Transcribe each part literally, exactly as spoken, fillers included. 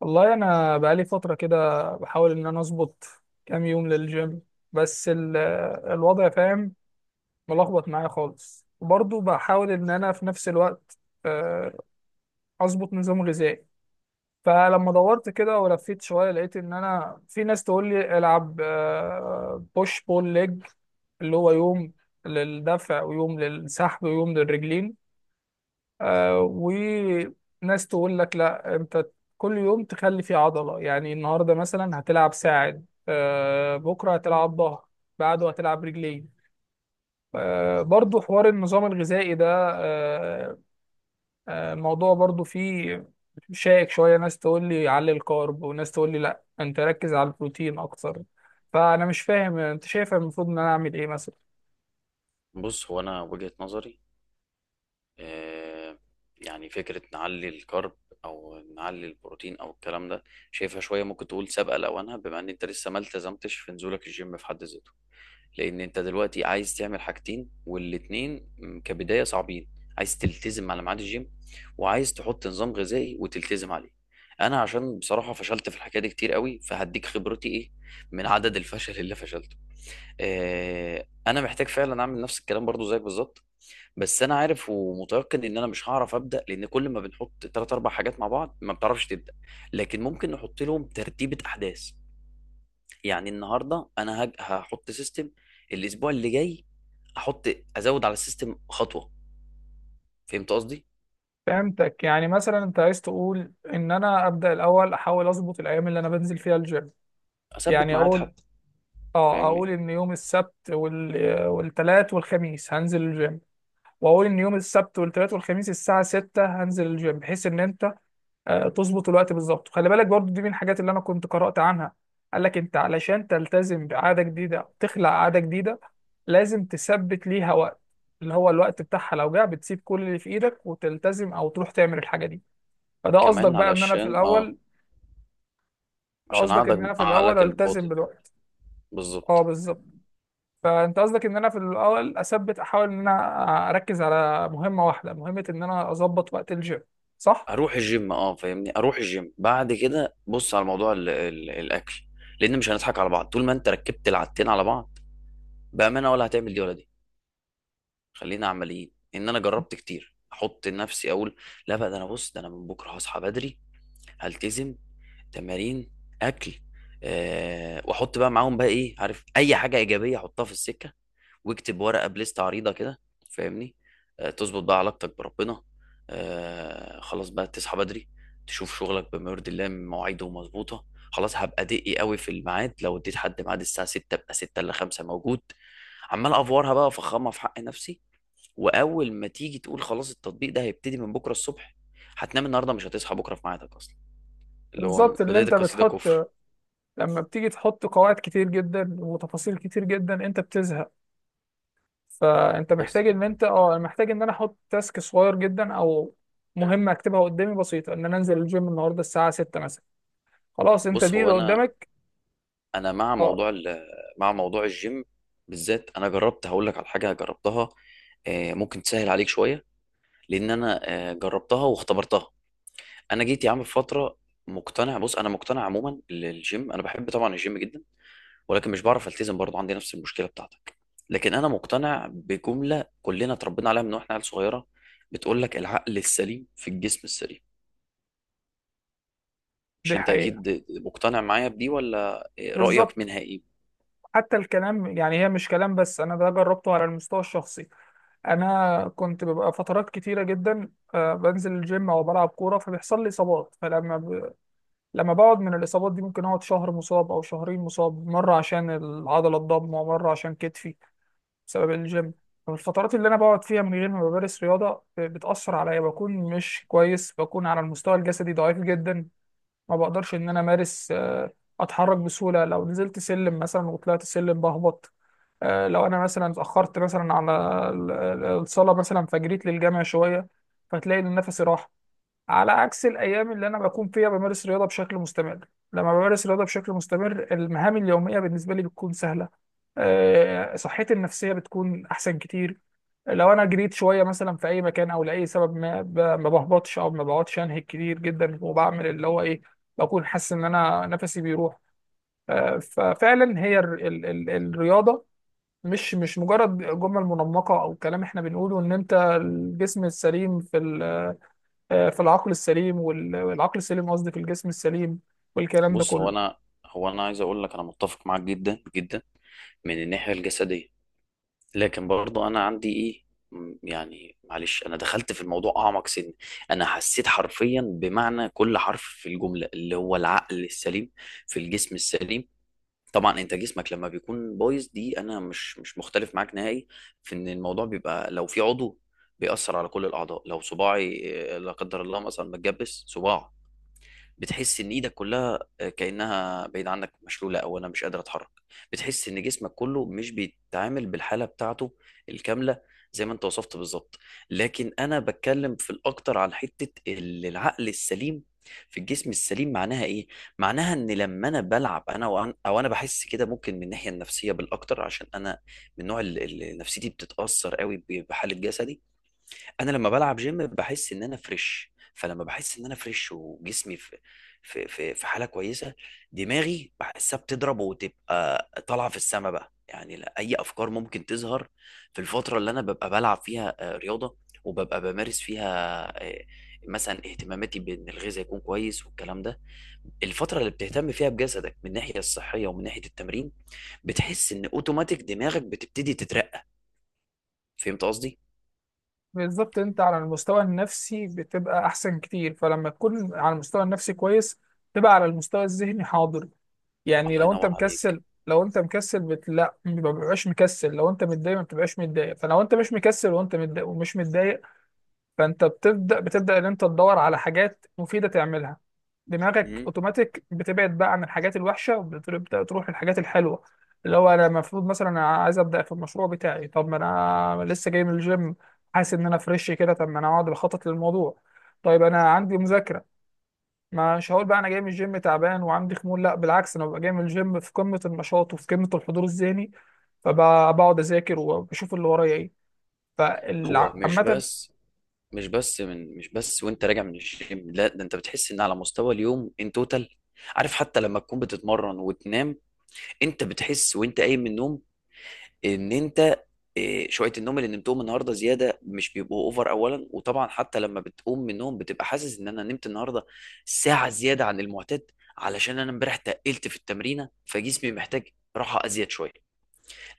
والله انا بقالي فتره كده بحاول ان انا اظبط كام يوم للجيم. بس ال- الوضع فاهم ملخبط معايا خالص، وبرضه بحاول ان انا في نفس الوقت، آه، اظبط نظام غذائي. فلما دورت كده ولفيت شويه لقيت ان انا في ناس تقول لي العب بوش بول ليج، اللي هو يوم للدفع ويوم للسحب ويوم للرجلين. آه وناس تقول لك لا، انت كل يوم تخلي فيه عضلة، يعني النهاردة مثلا هتلعب ساعد، آه بكرة هتلعب ظهر، بعده هتلعب رجلين. آه برضو حوار النظام الغذائي ده. آه آه الموضوع برضو فيه شائك شوية. ناس تقول لي علي الكارب وناس تقول لي لا، انت ركز على البروتين اكتر. فانا مش فاهم، انت شايف المفروض ان انا اعمل ايه مثلا؟ بص، هو انا وجهة نظري. آه، يعني فكرة نعلي الكرب او نعلي البروتين او الكلام ده شايفها شوية، ممكن تقول سابقة لأوانها، بما ان انت لسه ما التزمتش في نزولك الجيم في حد ذاته. لان انت دلوقتي عايز تعمل حاجتين، والاتنين م، كبداية صعبين. عايز تلتزم على ميعاد الجيم، وعايز تحط نظام غذائي وتلتزم عليه. انا عشان بصراحة فشلت في الحكاية دي كتير قوي، فهديك خبرتي ايه من عدد الفشل اللي فشلته. آه، انا محتاج فعلا اعمل نفس الكلام برضو زيك بالظبط. بس انا عارف ومتيقن ان انا مش هعرف ابدا، لان كل ما بنحط ثلاث اربع حاجات مع بعض ما بتعرفش تبدا. لكن ممكن نحط لهم ترتيبه احداث. يعني النهارده انا هج- هحط سيستم، الاسبوع اللي جاي احط، ازود على السيستم خطوه. فهمت قصدي؟ فهمتك. يعني مثلا انت عايز تقول ان انا ابدا الاول احاول اظبط الايام اللي انا بنزل فيها الجيم. اثبت يعني ميعاد اقول، حتى. اه فاهمني؟ اقول ان يوم السبت وال... والتلات والخميس هنزل الجيم. واقول ان يوم السبت والتلات والخميس الساعه ستة هنزل الجيم، بحيث ان انت، آه، تظبط الوقت بالظبط. خلي بالك برضو، دي من الحاجات اللي انا كنت قرأت عنها. قال لك انت علشان تلتزم بعاده جديده أو تخلق عاده جديده لازم تثبت ليها وقت، اللي هو الوقت بتاعها لو جه بتسيب كل اللي في ايدك وتلتزم او تروح تعمل الحاجه دي. فده قصدك كمان بقى ان انا في علشان اه الاول، عشان قصدك ان عقلك انا في الاول عقلك التزم الباطن برضه. بالوقت. اه بالظبط. بالظبط. فانت قصدك ان انا في الاول اثبت، احاول ان انا اركز على مهمه واحده، مهمه ان انا اظبط وقت الجيم، صح؟ اروح الجيم، اه فاهمني، اروح الجيم بعد كده بص على موضوع ال- ال- الاكل. لان مش هنضحك على بعض طول ما انت ركبت العادتين على بعض، بامانه ولا هتعمل دي ولا دي. خلينا عمليين، ان انا جربت كتير احط نفسي اقول: لا بقى، ده انا بص ده انا من بكره هصحى بدري، هلتزم تمارين، اكل، أه واحط بقى معاهم بقى ايه، عارف اي حاجه ايجابيه احطها في السكه، واكتب ورقه بليست عريضه كده، فاهمني؟ آه، تظبط بقى علاقتك بربنا، آه، خلاص بقى تصحى بدري، تشوف شغلك بما يرضي الله، مواعيده مظبوطه، خلاص هبقى دقي قوي في الميعاد، لو اديت حد ميعاد الساعه ستة ابقى ستة الا خمسة موجود، عمال افورها بقى وافخمها في حق نفسي. واول ما تيجي تقول خلاص التطبيق ده هيبتدي من بكره الصبح، هتنام النهارده مش هتصحى بكره في ميعادك اصلا. اللي هو بالظبط. اللي بدايه انت القصيده بتحط، كفر. لما بتيجي تحط قواعد كتير جدا وتفاصيل كتير جدا انت بتزهق. فانت بس. محتاج ان انت اه محتاج ان انا احط تاسك صغير جدا، او مهمه اكتبها قدامي بسيطه، ان انا انزل الجيم النهارده الساعه ستة مثلا، خلاص انت بص، دي هو اللي انا قدامك. انا مع اه موضوع ال- مع موضوع الجيم بالذات. انا جربت، هقول لك على حاجه جربتها، آه، ممكن تسهل عليك شويه، لان انا آه، جربتها واختبرتها. انا جيت يا عم في فتره مقتنع، بص انا مقتنع عموما للجيم، انا بحب طبعا الجيم جدا، ولكن مش بعرف التزم برضه، عندي نفس المشكله بتاعتك. لكن انا مقتنع بجمله كلنا اتربينا عليها من واحنا عيال صغيره، بتقول لك: العقل السليم في الجسم السليم. دي مش انت حقيقه. اكيد مقتنع معايا؟ بدي ولا رايك بالظبط. منها ايه؟ حتى الكلام، يعني هي مش كلام بس، انا ده جربته على المستوى الشخصي. انا كنت ببقى فترات كتيره جدا، آه، بنزل الجيم او بلعب كوره فبيحصل لي اصابات. فلما ب... لما بقعد من الاصابات دي ممكن اقعد شهر مصاب او شهرين مصاب، مره عشان العضله الضامه ومره عشان كتفي، بسبب الجيم. فالفترات اللي انا بقعد فيها من غير ما بمارس رياضه، آه، بتاثر عليا، بكون مش كويس، بكون على المستوى الجسدي ضعيف جدا. ما بقدرش ان انا امارس، آه، اتحرك بسهوله. لو نزلت سلم مثلا وطلعت سلم بهبط. آه، لو انا مثلا اتاخرت مثلا على ال- ال- الصلاه مثلا فجريت للجامع شويه فتلاقي ان نفسي راح. على عكس الايام اللي انا بكون فيها بمارس رياضه بشكل مستمر، لما بمارس رياضه بشكل مستمر المهام اليوميه بالنسبه لي بتكون سهله. آه، صحتي النفسيه بتكون احسن كتير. لو انا جريت شويه مثلا في اي مكان او لاي سبب، ما ب- ما بهبطش او ما بقعدش، انهك كتير جدا، وبعمل اللي هو ايه، بكون حاسس ان انا نفسي بيروح. آه، ففعلا هي ال- ال- ال- الرياضه مش مش مجرد جمل منمقة أو كلام إحنا بنقوله إن أنت الجسم السليم في ال- آه، في العقل السليم، وال- والعقل السليم، قصدي في الجسم السليم، والكلام ده بص هو كله. انا هو انا عايز اقول لك انا متفق معاك جدا جدا من الناحيه الجسديه. لكن برضه انا عندي ايه، م- يعني معلش انا دخلت في الموضوع اعمق سن. انا حسيت حرفيا بمعنى كل حرف في الجمله اللي هو العقل السليم في الجسم السليم. طبعا انت جسمك لما بيكون بايظ، دي انا مش مش مختلف معاك نهائي، في ان الموضوع بيبقى لو في عضو بيأثر على كل الاعضاء. لو صباعي آه، لا قدر الله مثلا متجبس صباعه، بتحس ان ايدك كلها آه، كانها بعيد عنك مشلوله، او انا مش قادر اتحرك، بتحس ان جسمك كله مش بيتعامل بالحاله بتاعته الكامله. زي ما انت وصفت بالظبط. لكن انا بتكلم في الاكتر على حته ال- العقل السليم في الجسم السليم. معناها ايه؟ معناها ان لما انا بلعب انا وأنا او انا بحس كده، ممكن من الناحيه النفسيه بالاكتر، عشان انا من نوع ال- ال- نفسيتي بتتاثر قوي ب- بحاله جسدي. انا لما بلعب جيم بحس ان انا فريش، فلما بحس ان انا فريش وجسمي في في في في حاله كويسه، دماغي بحسها بتضرب وتبقى طالعه في السما بقى. يعني لا اي افكار ممكن تظهر في الفتره اللي انا ببقى بلعب فيها آه، رياضه وببقى بمارس فيها، آه، مثلا اهتماماتي بان الغذاء يكون كويس والكلام ده. الفتره اللي بتهتم فيها بجسدك من الناحيه الصحيه ومن ناحيه التمرين، بتحس ان اوتوماتيك دماغك بتبتدي تترقى. فهمت قصدي؟ بالظبط. أنت على المستوى النفسي بتبقى أحسن كتير، فلما تكون على المستوى النفسي كويس تبقى على المستوى الذهني حاضر. يعني الله لو أنت ينور عليك. مكسل لو أنت مكسل، بت... لا، ما بتبقاش مكسل. لو أنت متضايق، ما بتبقاش متضايق. فلو أنت مش مكسل وأنت متضايق ومش متضايق، فانت بتبدا بتبدا ان انت تدور على حاجات مفيده تعملها. دماغك اوتوماتيك بتبعد بقى عن الحاجات الوحشه وبتبدا تروح للحاجات الحلوه. اللي هو انا المفروض مثلا، انا عايز ابدا في المشروع بتاعي، طب ما انا لسه جاي من الجيم حاسس ان انا فريش كده، طب ما انا اقعد بخطط للموضوع. طيب انا عندي مذاكره، مش هقول بقى انا جاي من الجيم تعبان وعندي خمول، لا بالعكس، انا ببقى جاي من الجيم في قمه النشاط وفي قمه الحضور الذهني، فبقعد اذاكر وبشوف اللي ورايا ايه. هو مش فعامة، بس مش بس من مش بس وانت راجع من الجيم، لا ده انت بتحس ان على مستوى اليوم ان توتال، عارف، حتى لما تكون بتتمرن وتنام انت بتحس وانت قايم من النوم ان انت إيه، شويه النوم اللي نمتهم النهارده زياده مش بيبقوا اوفر اولا. وطبعا حتى لما بتقوم من النوم بتبقى حاسس ان انا نمت النهارده ساعه زياده عن المعتاد، علشان انا امبارح تقلت في التمرينه فجسمي محتاج راحه ازيد شويه.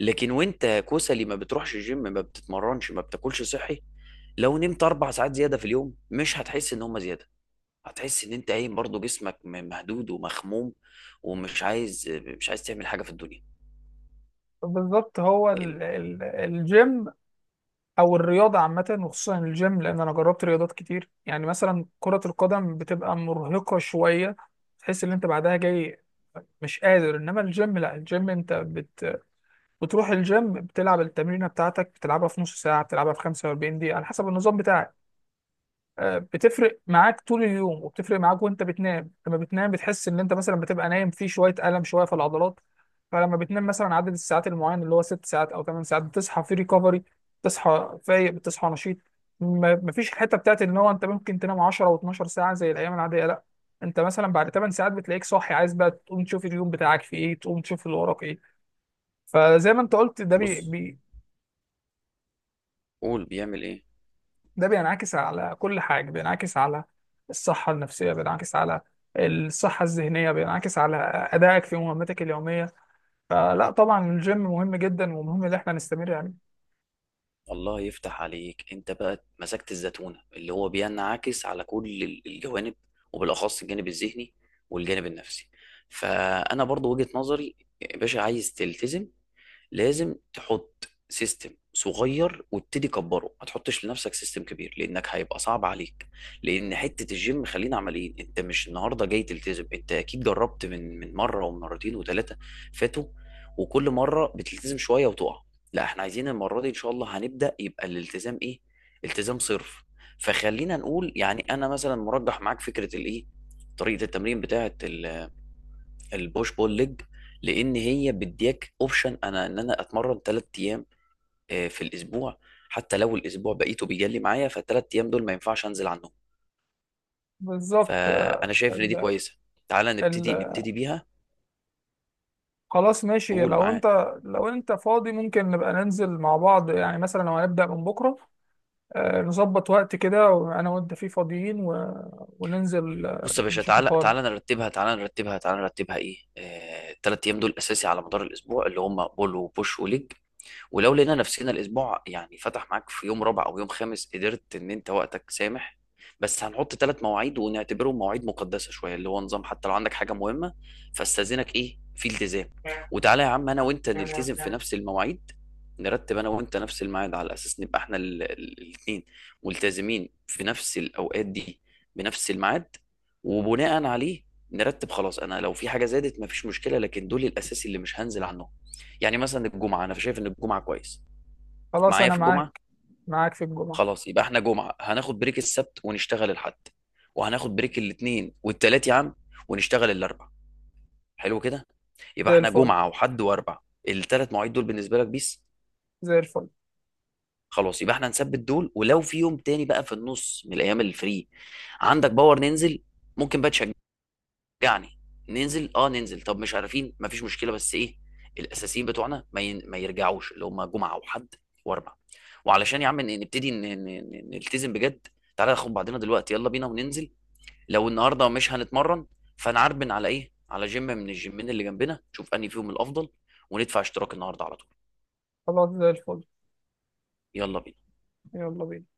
لكن وانت كسلي ما بتروحش الجيم، ما بتتمرنش، ما بتاكلش صحي، لو نمت اربع ساعات زياده في اليوم مش هتحس ان هم زياده، هتحس ان انت قايم برضه جسمك م- مهدود ومخموم، ومش عايز مش عايز تعمل حاجه في الدنيا، بالظبط هو لان ال- ال- الجيم او الرياضه عامه، وخصوصا الجيم، لان انا جربت رياضات كتير. يعني مثلا كره القدم بتبقى مرهقه شويه، تحس ان انت بعدها جاي مش قادر، انما الجيم لا. الجيم انت بت... بتروح الجيم بتلعب التمرينه بتاعتك، بتلعبها في نص ساعه، بتلعبها في خمسة وأربعين دقيقه على حسب النظام بتاعك. آه، بتفرق معاك طول اليوم، وبتفرق معاك وانت بتنام. لما بتنام بتحس ان انت مثلا بتبقى نايم في شويه الم، شويه في العضلات. فلما بتنام مثلا عدد الساعات المعين، اللي هو ست ساعات او ثمان ساعات، بتصحى في ريكفري، بتصحى فايق، بتصحى نشيط. ما- مفيش الحته بتاعت ان هو انت ممكن تنام عشرة و12 ساعه زي الايام العاديه، لا. انت مثلا بعد ثمان ساعات بتلاقيك صاحي، عايز بقى تقوم تشوف اليوم بتاعك في ايه، تقوم تشوف اللي وراك ايه. فزي ما انت قلت، ده بي بص بي، قول بيعمل ايه. ده بينعكس على كل حاجة. بينعكس على الصحة النفسية، بينعكس على الصحة الذهنية، بينعكس على أدائك في مهمتك اليومية. فلا، طبعا الجيم مهم جدا، ومهم إن احنا نستمر يعني. الله يفتح عليك، انت بقى مسكت الزتونه، اللي هو بينعكس على كل ال- الجوانب، وبالاخص الجانب الذهني والجانب النفسي. فانا برضو وجهه نظري يا باشا، عايز تلتزم لازم تحط سيستم صغير وابتدي كبره، ما تحطش لنفسك سيستم كبير لانك هيبقى صعب عليك. لان حته الجيم، خلينا عمليين، انت مش النهارده جاي تلتزم، انت اكيد جربت من من مره ومرتين وثلاثه فاتوا، وكل مره بتلتزم شويه وتقع. لا احنا عايزين المره دي ان شاء الله هنبدا، يبقى الالتزام ايه؟ التزام صرف. فخلينا نقول، يعني انا مثلا مرجح معاك فكره الايه، طريقه التمرين بتاعه البوش بول ليج، لان هي بديك اوبشن انا ان انا اتمرن ثلاث ايام آه، في الاسبوع، حتى لو الاسبوع بقيته بيجلي معايا، فالثلاث ايام دول ما ينفعش انزل عنهم. بالظبط. فانا آه، شايف ان دي ال... كويسه، تعالى نبتدي ال... نبتدي بيها. خلاص ماشي. قول لو انت معاك. لو انت فاضي ممكن نبقى ننزل مع بعض، يعني مثلا لو هنبدأ من بكرة، آه، نظبط وقت كده وانا وانت فيه فاضيين، و... وننزل بص آه، يا باشا، نشوف تعالى الحوار. تعالى نرتبها تعالى نرتبها تعالى نرتبها ايه، آه، الثلاث ايام دول اساسي على مدار الاسبوع، اللي هم بول وبوش وليج. ولو لقينا نفسنا الاسبوع يعني فتح معاك في يوم رابع او يوم خامس، قدرت ان انت وقتك سامح، بس هنحط ثلاث مواعيد ونعتبرهم مواعيد مقدسه شويه اللي هو نظام، حتى لو عندك حاجه مهمه فاستاذنك ايه في التزام، وتعالى يا عم انا وانت نلتزم في نفس المواعيد. نرتب انا وانت نفس الميعاد على اساس نبقى احنا الاثنين ملتزمين في نفس الاوقات دي، بنفس الميعاد. وبناء عليه نرتب، خلاص انا لو في حاجه زادت مفيش مشكله، لكن دول الاساسي اللي مش هنزل عنه. يعني مثلا الجمعه، انا شايف ان الجمعه كويس. خلاص معايا انا في الجمعه؟ معاك. معاك في الجمعة. خلاص يبقى احنا جمعه، هناخد بريك السبت ونشتغل الحد، وهناخد بريك الاثنين والتلات يا عم، ونشتغل الاربع. حلو كده. يبقى زي احنا الفل. جمعه وحد واربع. الثلاث مواعيد دول بالنسبه لك بيس؟ زي الفل. خلاص يبقى احنا هنثبت دول، ولو في يوم تاني بقى في النص من الايام الفري عندك باور ننزل، ممكن بقى تشجع يعني، ننزل اه ننزل طب مش عارفين مفيش مشكله، بس ايه، الاساسيين بتوعنا ما, ين... ما يرجعوش، اللي هم جمعه وحد واربع. وعلشان يا عم ن- نبتدي ن... ن... ن- نلتزم بجد، تعالى ناخد بعضنا دلوقتي يلا بينا وننزل. لو النهارده مش هنتمرن، فنعربن على ايه، على جيم من الجيمين اللي جنبنا، نشوف انهي فيهم الافضل، وندفع اشتراك النهارده على طول. خلاص زي الفل. يلا بينا. يلا بينا.